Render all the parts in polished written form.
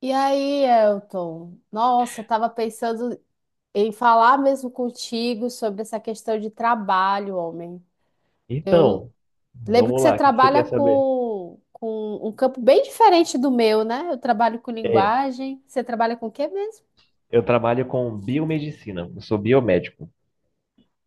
E aí, Elton? Nossa, eu tava pensando em falar mesmo contigo sobre essa questão de trabalho, homem. Eu Então, lembro que vamos você lá, o que que você trabalha quer saber? com um campo bem diferente do meu, né? Eu trabalho com É, linguagem. Você trabalha com o quê mesmo? eu trabalho com biomedicina, eu sou biomédico.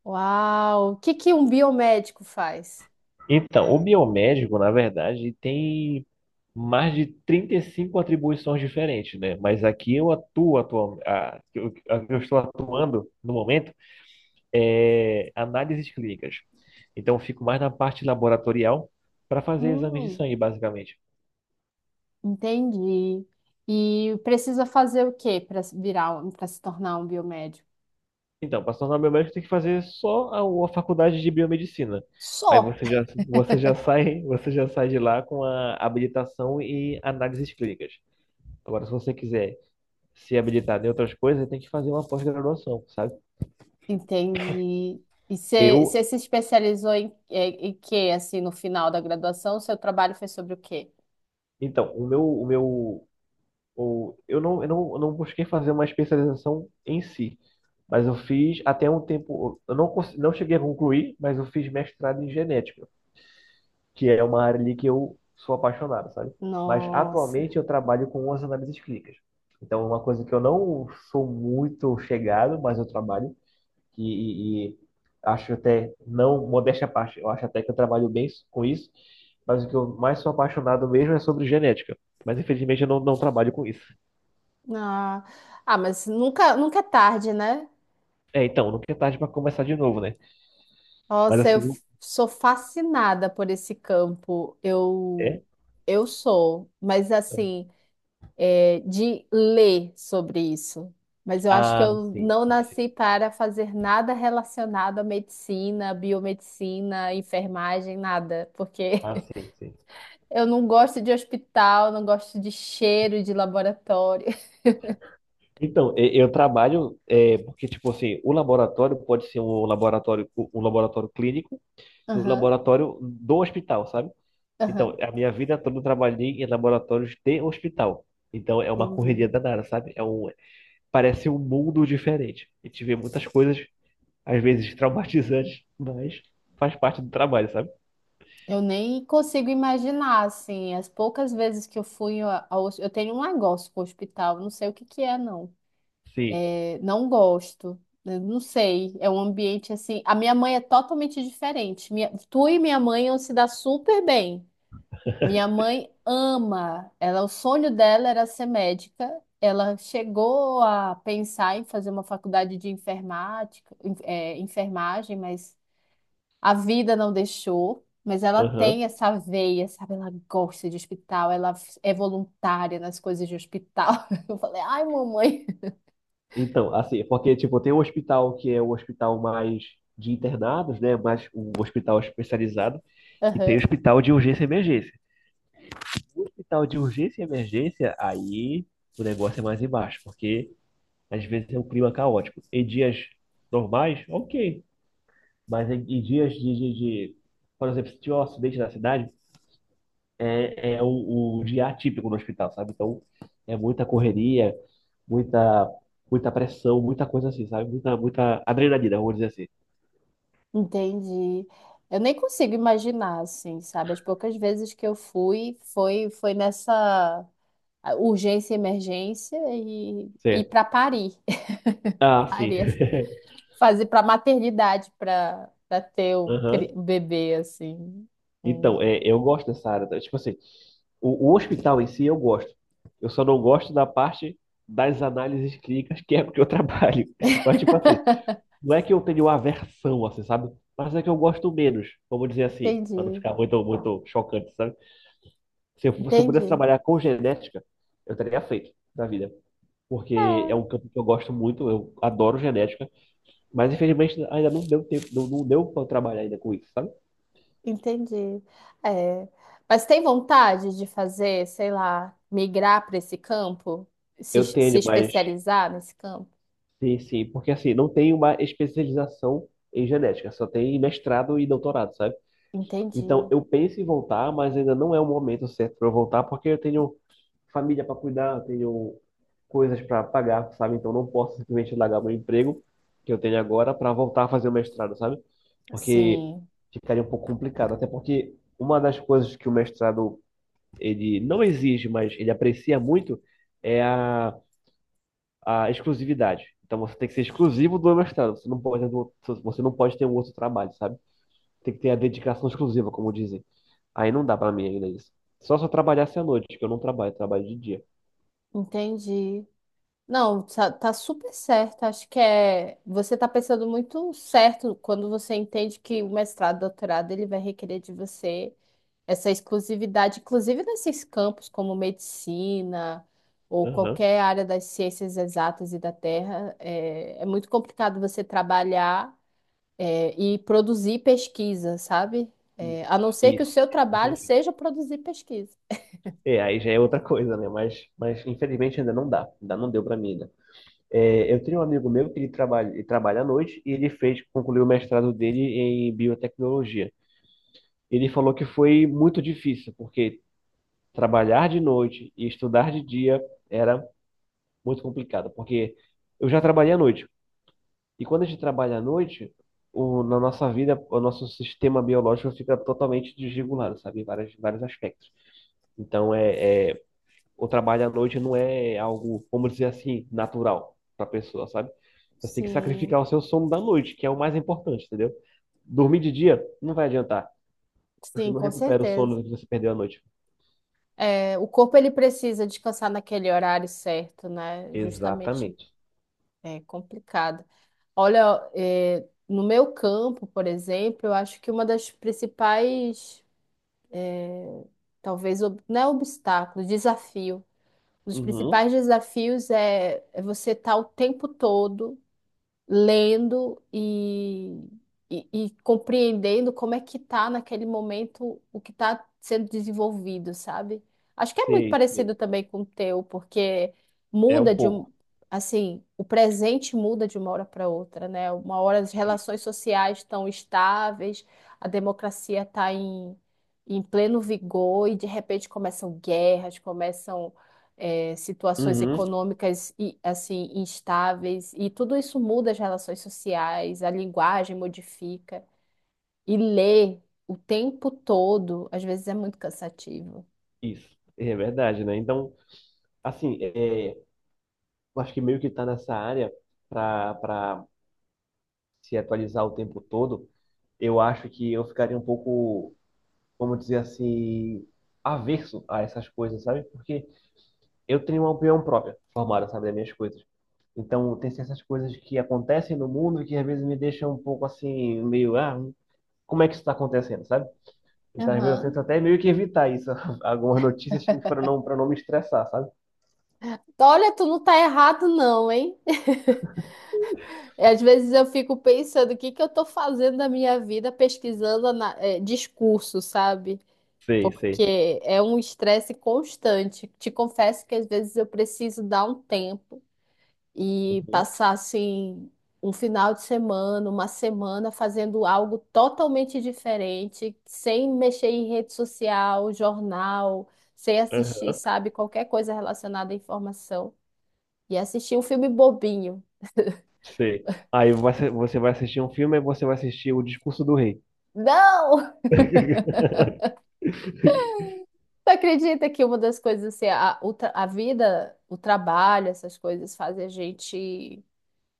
Uau! O que que um biomédico faz? Então, o biomédico, na verdade, tem mais de 35 atribuições diferentes, né? Mas aqui eu atuo, atual, a eu estou atuando no momento é análises clínicas. Então, eu fico mais na parte laboratorial para fazer exames de Hum, sangue, basicamente. entendi. E precisa fazer o quê para virar, para se tornar um biomédico? Então, para se tornar biomédico, tem que fazer só a faculdade de biomedicina. Aí Só. Você já sai, você já sai de lá com a habilitação e análises clínicas. Agora, se você quiser se habilitar em outras coisas, tem que fazer uma pós-graduação, sabe? Entendi. E você Eu, você se especializou em quê, assim, no final da graduação? O seu trabalho foi sobre o quê? então, o meu, o meu, o, eu não busquei fazer uma especialização em si, mas eu fiz até um tempo, eu não, cons- não cheguei a concluir, mas eu fiz mestrado em genética. Que é uma área ali que eu sou apaixonado, sabe? Mas Nossa. atualmente eu trabalho com as análises clínicas. Então, é uma coisa que eu não sou muito chegado, mas eu trabalho e acho até, não, modéstia à parte, eu acho até que eu trabalho bem com isso, mas o que eu mais sou apaixonado mesmo é sobre genética. Mas infelizmente eu não trabalho com isso. Ah, ah, mas nunca é tarde, né? É, então, nunca é tarde para começar de novo, né? Mas Nossa, assim, sou fascinada por esse campo. É? Eu sou, mas assim, é, de ler sobre isso. Mas eu acho que Ah, eu sim, não sim, sim. nasci para fazer nada relacionado à medicina, biomedicina, enfermagem, nada, porque Ah, sim, sim. eu não gosto de hospital, não gosto de cheiro de laboratório. Então, eu trabalho é, porque tipo assim, o laboratório pode ser um laboratório um um laboratório clínico e um Aham, laboratório do hospital, sabe? aham, Então, a minha vida toda eu trabalhei em laboratórios de hospital. Então, é uma entendi. correria danada, sabe? Parece um mundo diferente. E tive muitas coisas às vezes traumatizantes, mas faz parte do trabalho, sabe? Eu nem consigo imaginar, assim, as poucas vezes que eu fui eu tenho um negócio com o hospital, não sei o que que é, não. Sim. É, não gosto, né, não sei. É um ambiente, assim, a minha mãe é totalmente diferente. Minha... Tu e minha mãe, iam se dar super bem. Minha mãe ama, ela, o sonho dela era ser médica. Ela chegou a pensar em fazer uma faculdade de enfermagem, mas a vida não deixou. Mas ela Aham. tem essa veia, sabe? Ela gosta de hospital, é voluntária nas coisas de hospital. Eu falei, ai, mamãe. Então, assim, porque tipo, tem um hospital que é o hospital mais de internados, né? Mais um hospital especializado. E tem Aham, hospital de urgência e emergência. O hospital de urgência e emergência, aí o negócio é mais embaixo, porque às vezes é um clima caótico. Em dias normais, ok. Mas em dias por exemplo, se tiver um acidente na cidade, é o dia atípico no hospital, sabe? Então é muita correria, muita, muita pressão, muita coisa assim, sabe? Muita, muita adrenalina, vamos dizer assim. entendi. Eu nem consigo imaginar, assim, sabe? As poucas vezes que eu fui, foi nessa a urgência e emergência e ir Certo. para parir. Ah, sim. Parir, fazer para maternidade, para ter Aham. o bebê assim. Hum, Então, eu gosto dessa área, tá? Tipo assim, o hospital em si eu gosto. Eu só não gosto da parte das análises clínicas, que é porque eu trabalho. Mas, tipo assim, não é que eu tenho aversão, assim, sabe? Mas é que eu gosto menos, vamos dizer assim, para não Entendi, ficar muito, muito chocante, sabe? Se eu pudesse entendi. trabalhar com genética, eu teria feito na vida. Porque é um É, campo que eu gosto muito, eu adoro genética, mas infelizmente ainda não deu tempo, não deu para eu trabalhar ainda com isso, sabe? entendi. É. Mas tem vontade de fazer, sei lá, migrar para esse campo, se, Eu se tenho, mas especializar nesse campo? sim, sim, porque assim, não tem uma especialização em genética, só tem mestrado e doutorado, sabe? Então, Entendi. eu penso em voltar, mas ainda não é o momento certo para eu voltar, porque eu tenho família para cuidar, eu tenho coisas para pagar, sabe? Então, não posso simplesmente largar meu emprego que eu tenho agora para voltar a fazer o mestrado, sabe? Porque Sim, ficaria um pouco complicado, até porque uma das coisas que o mestrado ele não exige, mas ele aprecia muito é a exclusividade. Então você tem que ser exclusivo do mestrado. Você não pode ter um outro trabalho, sabe? Tem que ter a dedicação exclusiva, como dizem. Aí não dá pra mim ainda isso. Só se eu trabalhasse à noite, que eu não trabalho, eu trabalho de dia. entendi. Não, tá, tá super certo. Acho que é. Você tá pensando muito certo quando você entende que o mestrado, doutorado, ele vai requerer de você essa exclusividade, inclusive nesses campos como medicina ou Aham. qualquer área das ciências exatas e da terra. É, é muito complicado você trabalhar, é, e produzir pesquisa, sabe? É, a não Isso, ser que o isso. seu É muito trabalho difícil. seja produzir pesquisa. É, aí já é outra coisa, né? Mas infelizmente ainda não dá. Ainda não deu pra mim ainda. É, eu tenho um amigo meu que ele trabalha à noite e concluiu o mestrado dele em biotecnologia. Ele falou que foi muito difícil, porque trabalhar de noite e estudar de dia era muito complicado, porque eu já trabalhei à noite. E quando a gente trabalha à noite, na nossa vida, o nosso sistema biológico fica totalmente desregulado, sabe? Em vários, vários aspectos. Então, o trabalho à noite não é algo, vamos dizer assim, natural para a pessoa, sabe? Você tem que Sim, sacrificar o seu sono da noite, que é o mais importante, entendeu? Dormir de dia não vai adiantar. Você sim, não com recupera o certeza. sono que você perdeu à noite. É, o corpo ele precisa descansar naquele horário certo, né? Justamente Exatamente. é complicado. Olha, é, no meu campo, por exemplo, eu acho que uma das principais, talvez, não é obstáculo, desafio. Um dos Uhum. principais desafios é, é você estar o tempo todo lendo e compreendendo como é que tá naquele momento o que está sendo desenvolvido, sabe? Acho que é muito Sei, sei. parecido também com o teu, porque É muda um de um, pouco. assim, o presente muda de uma hora para outra, né? Uma hora as E- relações sociais estão estáveis, a democracia está em pleno vigor e de repente começam guerras, começam é, situações Uhum, econômicas e assim instáveis e tudo isso muda as relações sociais, a linguagem modifica e ler o tempo todo, às vezes é muito cansativo. isso. É verdade, né? Então, assim, eu acho que meio que tá nessa área para se atualizar o tempo todo. Eu acho que eu ficaria um pouco, vamos dizer assim, averso a essas coisas, sabe? Porque eu tenho uma opinião própria formada, sabe, das minhas coisas. Então, tem certas coisas que acontecem no mundo que às vezes me deixam um pouco assim, meio, ah, como é que isso está acontecendo, sabe? Então, às vezes eu tento Aham. até meio que evitar isso, algumas notícias para não, me estressar, sabe? Então, olha, tu não tá errado não, hein? Às vezes eu fico pensando o que que eu tô fazendo da minha vida pesquisando discurso, sabe? Sei, sei. Porque é um estresse constante. Te confesso que às vezes eu preciso dar um tempo e Uhum. passassem um final de semana, uma semana fazendo algo totalmente diferente, sem mexer em rede social, jornal, sem assistir, Aham. sabe, qualquer coisa relacionada à informação. E assistir um filme bobinho. Sei. Aí você vai assistir um filme e você vai assistir O Discurso do Rei. Não! Tu acredita que uma das coisas, a vida, o trabalho, essas coisas fazem a gente,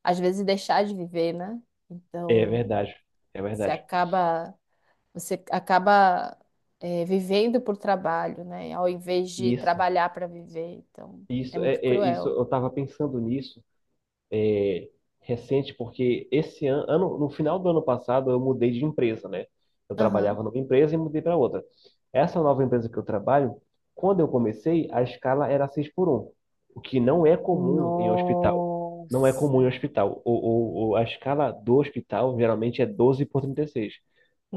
às vezes, deixar de viver, né? É Então, verdade. É você verdade. acaba Você acaba, é, vivendo por trabalho, né? Ao invés de Isso. trabalhar para viver. Então, é Isso é, muito é- isso cruel. eu estava pensando nisso, é, recente, porque esse ano, no final do ano passado, eu mudei de empresa, né? Eu Aham. trabalhava numa empresa e mudei para outra. Essa nova empresa que eu trabalho, quando eu comecei, a escala era 6 por um, o que não é comum em hospital. Não é comum em Nossa, hospital. A escala do hospital geralmente é 12 por 36.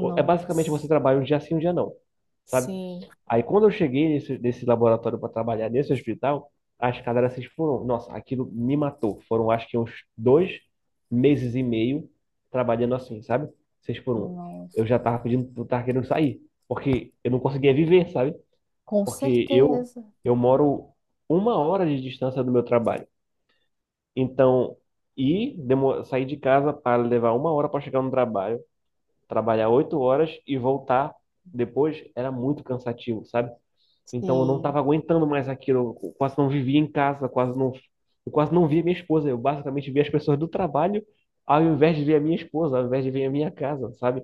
É basicamente você trabalha um dia sim, um dia não, sabe? Sim, Aí quando eu cheguei nesse laboratório para trabalhar nesse hospital, as cadáveres foram, nossa, aquilo me matou. Foram acho que uns 2 meses e meio trabalhando assim, sabe? Seis por um. nossa. Eu já tava pedindo, eu tava querendo sair, porque eu não conseguia viver, sabe? Com Porque eu certeza. eu moro uma hora de distância do meu trabalho. Então, sair de casa para levar uma hora para chegar no trabalho, trabalhar 8 horas e voltar depois era muito cansativo, sabe? Então eu não estava Sim. aguentando mais aquilo. Eu quase não vivia em casa, quase não, eu quase não via minha esposa. Eu basicamente via as pessoas do trabalho ao invés de ver a minha esposa, ao invés de ver a minha casa, sabe?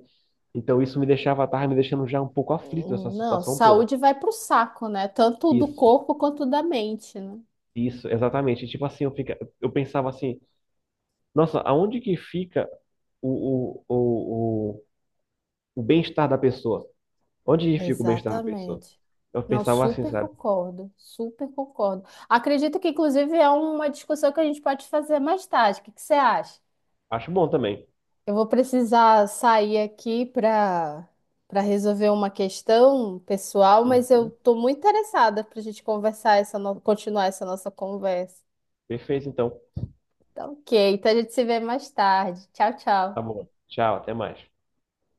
Então isso me deixava, tava me deixando já um pouco aflito essa Não, situação toda. saúde vai pro saco, né? Tanto do Isso, corpo quanto da mente, né? isso, exatamente. Tipo assim, eu pensava assim, nossa, aonde que fica o, o, o, o, o bem-estar da pessoa? Onde que fica o bem-estar da pessoa? Exatamente. Eu Não, pensava assim, super sabe? concordo, super concordo. Acredito que, inclusive, é uma discussão que a gente pode fazer mais tarde. O que que você acha? Acho bom também. Eu vou precisar sair aqui para resolver uma questão pessoal, mas eu Uhum. estou muito interessada para a gente conversar essa no- continuar essa nossa conversa. Perfeito, então. Tá ok, então a gente se vê mais tarde. Tchau, Tá tchau. bom. Tchau, até mais.